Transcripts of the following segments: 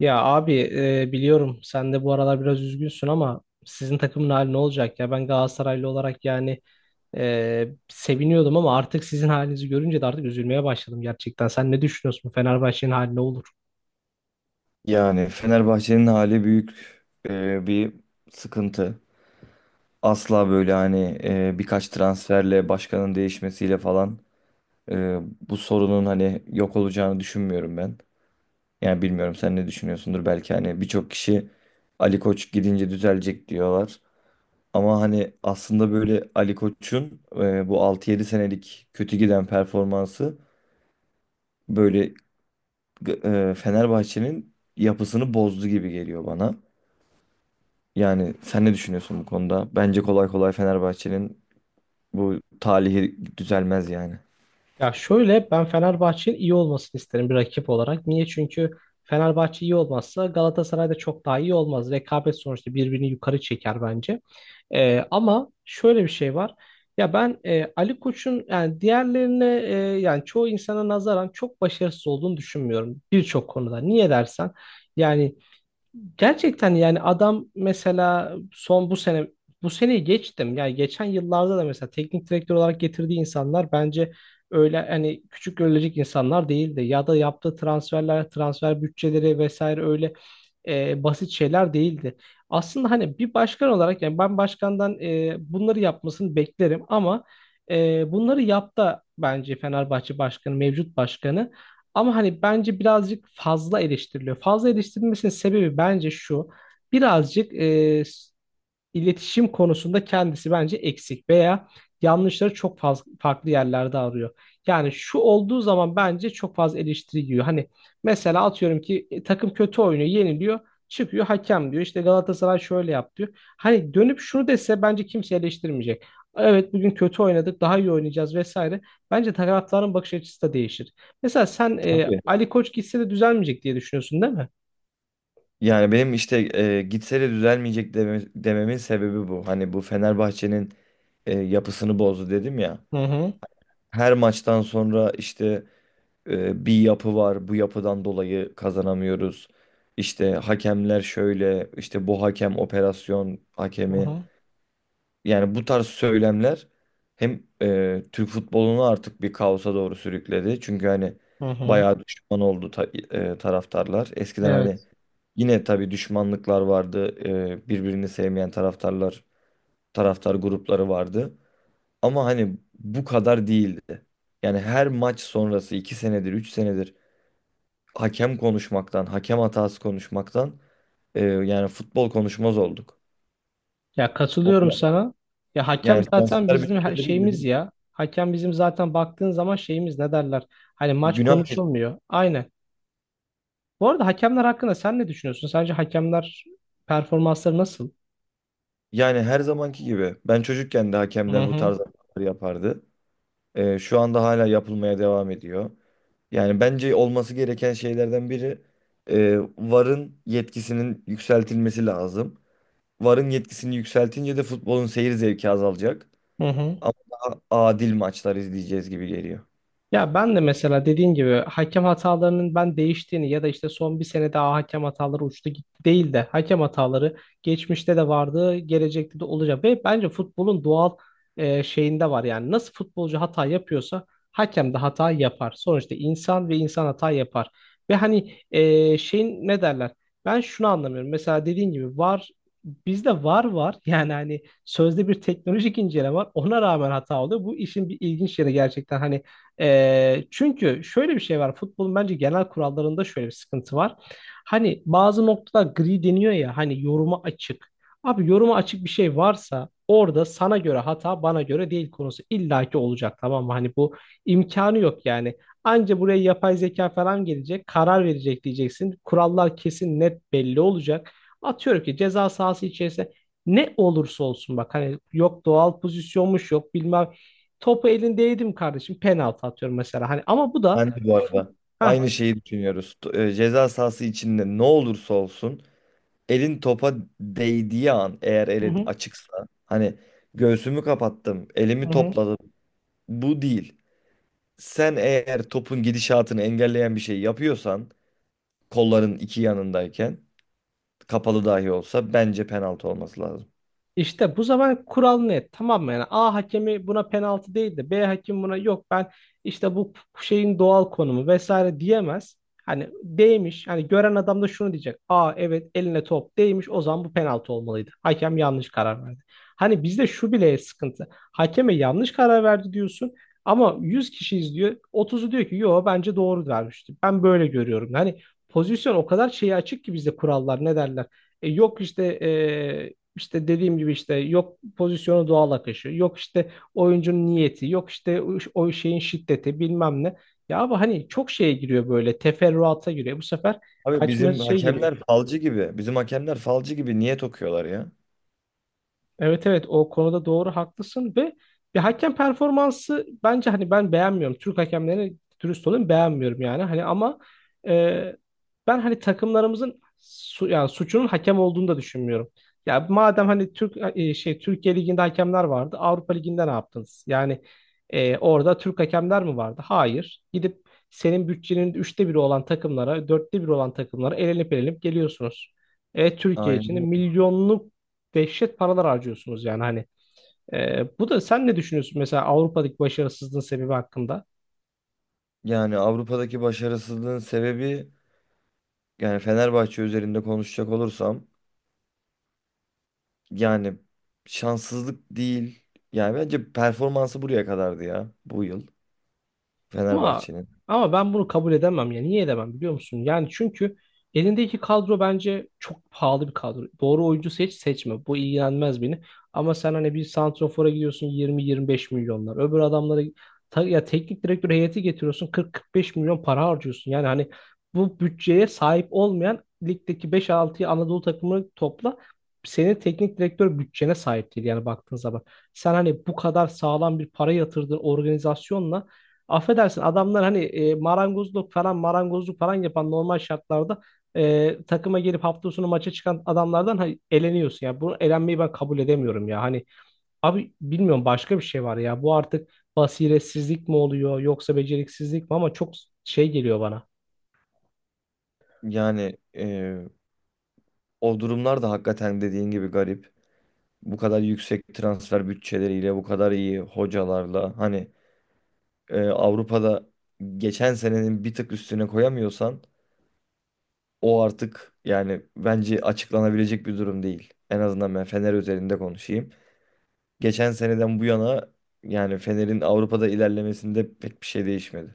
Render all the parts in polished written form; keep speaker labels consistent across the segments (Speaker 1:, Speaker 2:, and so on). Speaker 1: Ya abi, biliyorum sen de bu aralar biraz üzgünsün ama sizin takımın hali ne olacak ya? Ben Galatasaraylı olarak seviniyordum ama artık sizin halinizi görünce de artık üzülmeye başladım gerçekten. Sen ne düşünüyorsun? Bu Fenerbahçe'nin hali ne olur?
Speaker 2: Yani Fenerbahçe'nin hali büyük bir sıkıntı. Asla böyle hani birkaç transferle başkanın değişmesiyle falan e, bu sorunun hani yok olacağını düşünmüyorum ben. Yani bilmiyorum sen ne düşünüyorsundur, belki hani birçok kişi Ali Koç gidince düzelecek diyorlar. Ama hani aslında böyle Ali Koç'un bu altı yedi senelik kötü giden performansı böyle Fenerbahçe'nin yapısını bozdu gibi geliyor bana. Yani sen ne düşünüyorsun bu konuda? Bence kolay kolay Fenerbahçe'nin bu talihi düzelmez yani.
Speaker 1: Ya şöyle, ben Fenerbahçe'nin iyi olmasını isterim bir rakip olarak. Niye? Çünkü Fenerbahçe iyi olmazsa Galatasaray da çok daha iyi olmaz. Rekabet sonuçta birbirini yukarı çeker bence. Ama şöyle bir şey var. Ya ben Ali Koç'un yani diğerlerine yani çoğu insana nazaran çok başarısız olduğunu düşünmüyorum birçok konuda. Niye dersen yani gerçekten yani adam mesela son bu seneyi geçtim. Yani geçen yıllarda da mesela teknik direktör olarak getirdiği insanlar bence öyle hani küçük görülecek insanlar değildi. Ya da yaptığı transferler, transfer bütçeleri vesaire öyle basit şeyler değildi. Aslında hani bir başkan olarak yani ben başkandan bunları yapmasını beklerim ama bunları yaptı bence Fenerbahçe başkanı, mevcut başkanı. Ama hani bence birazcık fazla eleştiriliyor. Fazla eleştirilmesinin sebebi bence şu. Birazcık iletişim konusunda kendisi bence eksik veya yanlışları çok fazla farklı yerlerde arıyor. Yani şu olduğu zaman bence çok fazla eleştiri yiyor. Hani mesela atıyorum ki takım kötü oynuyor, yeniliyor, çıkıyor hakem diyor, işte Galatasaray şöyle yap diyor. Hani dönüp şunu dese bence kimse eleştirmeyecek. Evet, bugün kötü oynadık, daha iyi oynayacağız vesaire. Bence taraftarın bakış açısı da değişir. Mesela sen
Speaker 2: Tabii.
Speaker 1: Ali Koç gitse de düzelmeyecek diye düşünüyorsun değil mi?
Speaker 2: Yani benim işte gitse de düzelmeyecek dememin sebebi bu. Hani bu Fenerbahçe'nin yapısını bozdu dedim ya.
Speaker 1: Hı hı,
Speaker 2: Her maçtan sonra işte bir yapı var. Bu yapıdan dolayı kazanamıyoruz. İşte hakemler şöyle, işte bu hakem operasyon
Speaker 1: hı
Speaker 2: hakemi.
Speaker 1: hı,
Speaker 2: Yani bu tarz söylemler hem Türk futbolunu artık bir kaosa doğru sürükledi. Çünkü hani
Speaker 1: hı hı.
Speaker 2: bayağı düşman oldu taraftarlar. Eskiden hani
Speaker 1: Evet.
Speaker 2: yine tabii düşmanlıklar vardı. Birbirini sevmeyen taraftarlar, taraftar grupları vardı. Ama hani bu kadar değildi. Yani her maç sonrası 2 senedir, 3 senedir hakem konuşmaktan, hakem hatası konuşmaktan yani futbol konuşmaz olduk.
Speaker 1: Ya, katılıyorum
Speaker 2: Ondan-
Speaker 1: sana. Ya hakem
Speaker 2: Yani
Speaker 1: zaten
Speaker 2: transfer
Speaker 1: bizim her
Speaker 2: bütçeleri
Speaker 1: şeyimiz ya. Hakem bizim zaten baktığın zaman şeyimiz ne derler? Hani maç
Speaker 2: günah.
Speaker 1: konuşulmuyor. Aynen. Bu arada hakemler hakkında sen ne düşünüyorsun? Sence hakemler performansları nasıl?
Speaker 2: Yani her zamanki gibi. Ben çocukken de
Speaker 1: Hı
Speaker 2: hakemler bu
Speaker 1: hı.
Speaker 2: tarz hatalar yapardı. Şu anda hala yapılmaya devam ediyor. Yani bence olması gereken şeylerden biri VAR'ın yetkisinin yükseltilmesi lazım. VAR'ın yetkisini yükseltince de futbolun seyir zevki azalacak.
Speaker 1: Hı hı.
Speaker 2: Ama daha adil maçlar izleyeceğiz gibi geliyor.
Speaker 1: Ya ben de mesela dediğin gibi hakem hatalarının ben değiştiğini ya da işte son bir sene daha hakem hataları uçtu gitti değil de hakem hataları geçmişte de vardı, gelecekte de olacak ve bence futbolun doğal şeyinde var yani nasıl futbolcu hata yapıyorsa hakem de hata yapar. Sonuçta insan, ve insan hata yapar. Ve hani şeyin ne derler? Ben şunu anlamıyorum. Mesela dediğin gibi var, bizde var yani hani sözde bir teknolojik inceleme var. Ona rağmen hata oluyor. Bu işin bir ilginç yeri gerçekten hani çünkü şöyle bir şey var. Futbolun bence genel kurallarında şöyle bir sıkıntı var. Hani bazı noktalar gri deniyor ya, hani yoruma açık. Abi yoruma açık bir şey varsa orada sana göre hata bana göre değil konusu illaki olacak, tamam mı? Hani bu imkanı yok yani. Anca buraya yapay zeka falan gelecek, karar verecek diyeceksin. Kurallar kesin net belli olacak. Atıyorum ki ceza sahası içerisinde ne olursa olsun, bak hani yok doğal pozisyonmuş, yok bilmem, topu elindeydim kardeşim. Penaltı atıyorum mesela. Hani ama bu da
Speaker 2: Ben
Speaker 1: yani
Speaker 2: de bu arada
Speaker 1: Ha.
Speaker 2: aynı şeyi düşünüyoruz. Ceza sahası içinde ne olursa olsun elin topa değdiği an, eğer
Speaker 1: Hı
Speaker 2: elin
Speaker 1: hı.
Speaker 2: açıksa hani göğsümü kapattım,
Speaker 1: Hı
Speaker 2: elimi
Speaker 1: hı.
Speaker 2: topladım. Bu değil. Sen eğer topun gidişatını engelleyen bir şey yapıyorsan, kolların iki yanındayken kapalı dahi olsa bence penaltı olması lazım.
Speaker 1: İşte bu zaman kural net, tamam mı? Yani A hakemi buna penaltı değil de B hakemi buna yok ben işte bu şeyin doğal konumu vesaire diyemez. Hani değmiş, hani gören adam da şunu diyecek: "Aa evet, eline top değmiş, o zaman bu penaltı olmalıydı. Hakem yanlış karar verdi." Hani bizde şu bile sıkıntı. Hakeme yanlış karar verdi diyorsun ama 100 kişi izliyor, otuzu diyor ki yo bence doğru vermişti, ben böyle görüyorum. Hani pozisyon o kadar şeye açık ki, bizde kurallar ne derler. Yok işte, işte dediğim gibi işte yok pozisyonu doğal akışı, yok işte oyuncunun niyeti, yok işte o şeyin şiddeti bilmem ne. Ya abi hani çok şeye giriyor, böyle teferruata giriyor. Bu sefer
Speaker 2: Abi
Speaker 1: kaçma
Speaker 2: bizim
Speaker 1: şey giriyor.
Speaker 2: hakemler falcı gibi. Bizim hakemler falcı gibi niye tokuyorlar ya?
Speaker 1: Evet evet, o konuda doğru haklısın ve bir hakem performansı bence hani ben beğenmiyorum. Türk hakemlerini dürüst olayım beğenmiyorum yani. Hani ama e, ben hani takımlarımızın yani suçunun hakem olduğunu da düşünmüyorum. Ya madem hani Türk şey Türkiye Ligi'nde hakemler vardı, Avrupa Ligi'nde ne yaptınız? Orada Türk hakemler mi vardı? Hayır. Gidip senin bütçenin 1/3 olan takımlara, 1/4 olan takımlara elenip elenip geliyorsunuz. E, Türkiye için de
Speaker 2: Aynen.
Speaker 1: milyonluk dehşet paralar harcıyorsunuz yani hani. E, bu da sen ne düşünüyorsun mesela Avrupa'daki başarısızlığın sebebi hakkında?
Speaker 2: Yani Avrupa'daki başarısızlığın sebebi, yani Fenerbahçe üzerinde konuşacak olursam, yani şanssızlık değil. Yani bence performansı buraya kadardı ya bu yıl
Speaker 1: Ama
Speaker 2: Fenerbahçe'nin.
Speaker 1: ama ben bunu kabul edemem ya. Niye edemem biliyor musun? Yani çünkü elindeki kadro bence çok pahalı bir kadro. Doğru oyuncu seçme. Bu ilgilenmez beni. Ama sen hani bir santrofora gidiyorsun 20-25 milyonlar. Öbür adamlara ya teknik direktör heyeti getiriyorsun 40-45 milyon para harcıyorsun. Yani hani bu bütçeye sahip olmayan ligdeki beş altı Anadolu takımını topla. Senin teknik direktör bütçene sahip değil yani baktığın zaman. Sen hani bu kadar sağlam bir para yatırdığın organizasyonla, affedersin, adamlar hani marangozluk falan yapan normal şartlarda takıma gelip hafta sonu maça çıkan adamlardan hani eleniyorsun ya. Bunu elenmeyi ben kabul edemiyorum ya. Hani abi bilmiyorum, başka bir şey var ya. Bu artık basiretsizlik mi oluyor yoksa beceriksizlik mi, ama çok şey geliyor bana.
Speaker 2: Yani o durumlar da hakikaten dediğin gibi garip. Bu kadar yüksek transfer bütçeleriyle, bu kadar iyi hocalarla hani Avrupa'da geçen senenin bir tık üstüne koyamıyorsan o artık yani bence açıklanabilecek bir durum değil. En azından ben Fener üzerinde konuşayım. Geçen seneden bu yana yani Fener'in Avrupa'da ilerlemesinde pek bir şey değişmedi.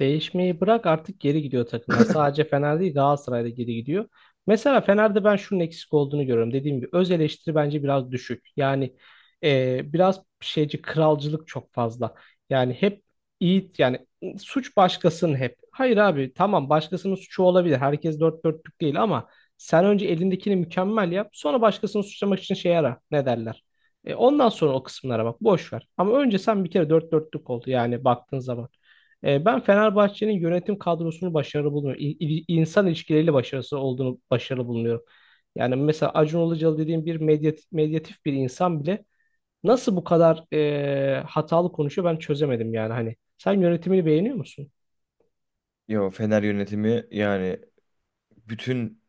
Speaker 1: Değişmeyi bırak, artık geri gidiyor takımlar. Sadece Fener değil, Galatasaray'da geri gidiyor. Mesela Fener'de ben şunun eksik olduğunu görüyorum. Dediğim gibi öz eleştiri bence biraz düşük. Biraz şeyci kralcılık çok fazla. Yani hep iyi, yani suç başkasının hep. Hayır abi tamam, başkasının suçu olabilir. Herkes dört dörtlük değil ama sen önce elindekini mükemmel yap. Sonra başkasını suçlamak için şey ara, ne derler. E, ondan sonra o kısımlara bak, boş ver. Ama önce sen bir kere dört dörtlük oldu yani baktığın zaman. E, ben Fenerbahçe'nin yönetim kadrosunu başarılı bulmuyorum. İnsan ilişkileriyle başarısı olduğunu başarılı bulmuyorum. Yani mesela Acun Ilıcalı dediğim bir medyatif bir insan bile nasıl bu kadar hatalı konuşuyor ben çözemedim yani hani. Sen yönetimini beğeniyor musun?
Speaker 2: Yo, Fener yönetimi yani bütün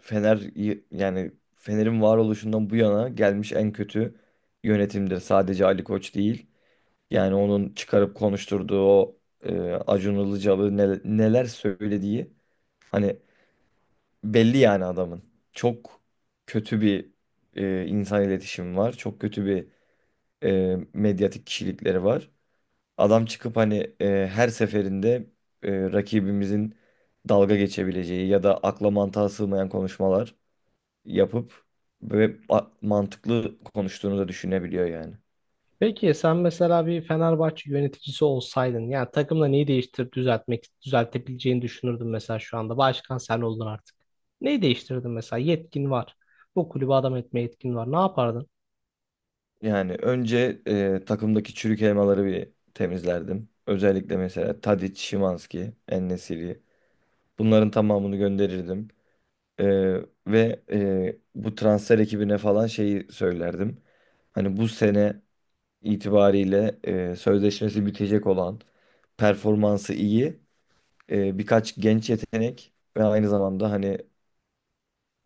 Speaker 2: Fener yani Fener'in varoluşundan bu yana gelmiş en kötü yönetimdir. Sadece Ali Koç değil. Yani onun çıkarıp konuşturduğu o e, Acun Ilıcalı neler söylediği hani belli yani adamın. Çok kötü bir insan iletişimi var. Çok kötü bir medyatik kişilikleri var. Adam çıkıp hani her seferinde rakibimizin dalga geçebileceği ya da akla mantığa sığmayan konuşmalar yapıp ve mantıklı konuştuğunu da düşünebiliyor yani.
Speaker 1: Peki sen mesela bir Fenerbahçe yöneticisi olsaydın yani takımla neyi değiştirip düzeltebileceğini düşünürdün mesela şu anda. Başkan sen oldun artık. Neyi değiştirdin mesela? Yetkin var. Bu kulübü adam etme yetkin var. Ne yapardın?
Speaker 2: Yani önce takımdaki çürük elmaları bir temizlerdim. Özellikle mesela Tadic, Szymański en, bunların tamamını gönderirdim. Ee, Ve bu transfer ekibine falan şeyi söylerdim. Hani bu sene itibariyle sözleşmesi bitecek olan, performansı iyi, birkaç genç yetenek ve aynı zamanda hani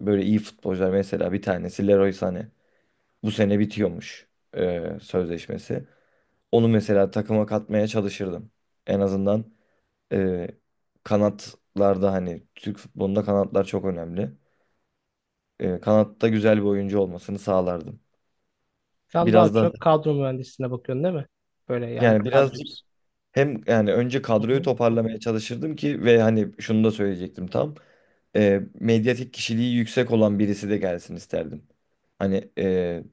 Speaker 2: böyle iyi futbolcular, mesela bir tanesi Leroy Sané. Bu sene bitiyormuş sözleşmesi. Onu mesela takıma katmaya çalışırdım. En azından e, kanatlarda hani Türk futbolunda kanatlar çok önemli. Kanatta güzel bir oyuncu olmasını sağlardım.
Speaker 1: Sen daha
Speaker 2: Biraz da
Speaker 1: çok kadro mühendisliğine bakıyorsun değil mi? Böyle yani
Speaker 2: yani
Speaker 1: kadro.
Speaker 2: birazcık hem yani önce
Speaker 1: Hı
Speaker 2: kadroyu
Speaker 1: hı.
Speaker 2: toparlamaya çalışırdım ki, ve hani şunu da söyleyecektim tam. Medyatik kişiliği yüksek olan birisi de gelsin isterdim. Hani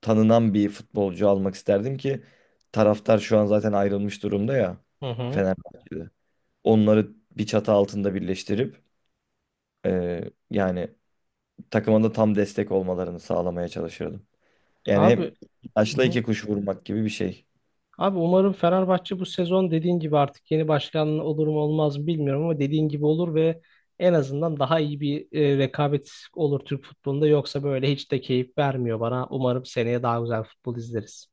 Speaker 2: tanınan bir futbolcu almak isterdim ki taraftar şu an zaten ayrılmış durumda ya
Speaker 1: Hı hı.
Speaker 2: Fenerbahçe'de. Onları bir çatı altında birleştirip e, yani takıma da tam destek olmalarını sağlamaya çalışırdım. Yani hem
Speaker 1: Abi.
Speaker 2: iki
Speaker 1: Yani
Speaker 2: taşla
Speaker 1: hı hı.
Speaker 2: iki kuş vurmak gibi bir şey. Tabii
Speaker 1: Abi umarım Fenerbahçe bu sezon dediğin gibi artık, yeni başkan olur mu olmaz mı bilmiyorum ama dediğin gibi olur ve en azından daha iyi bir rekabet olur Türk futbolunda. Yoksa böyle hiç de keyif vermiyor bana. Umarım seneye daha güzel futbol izleriz.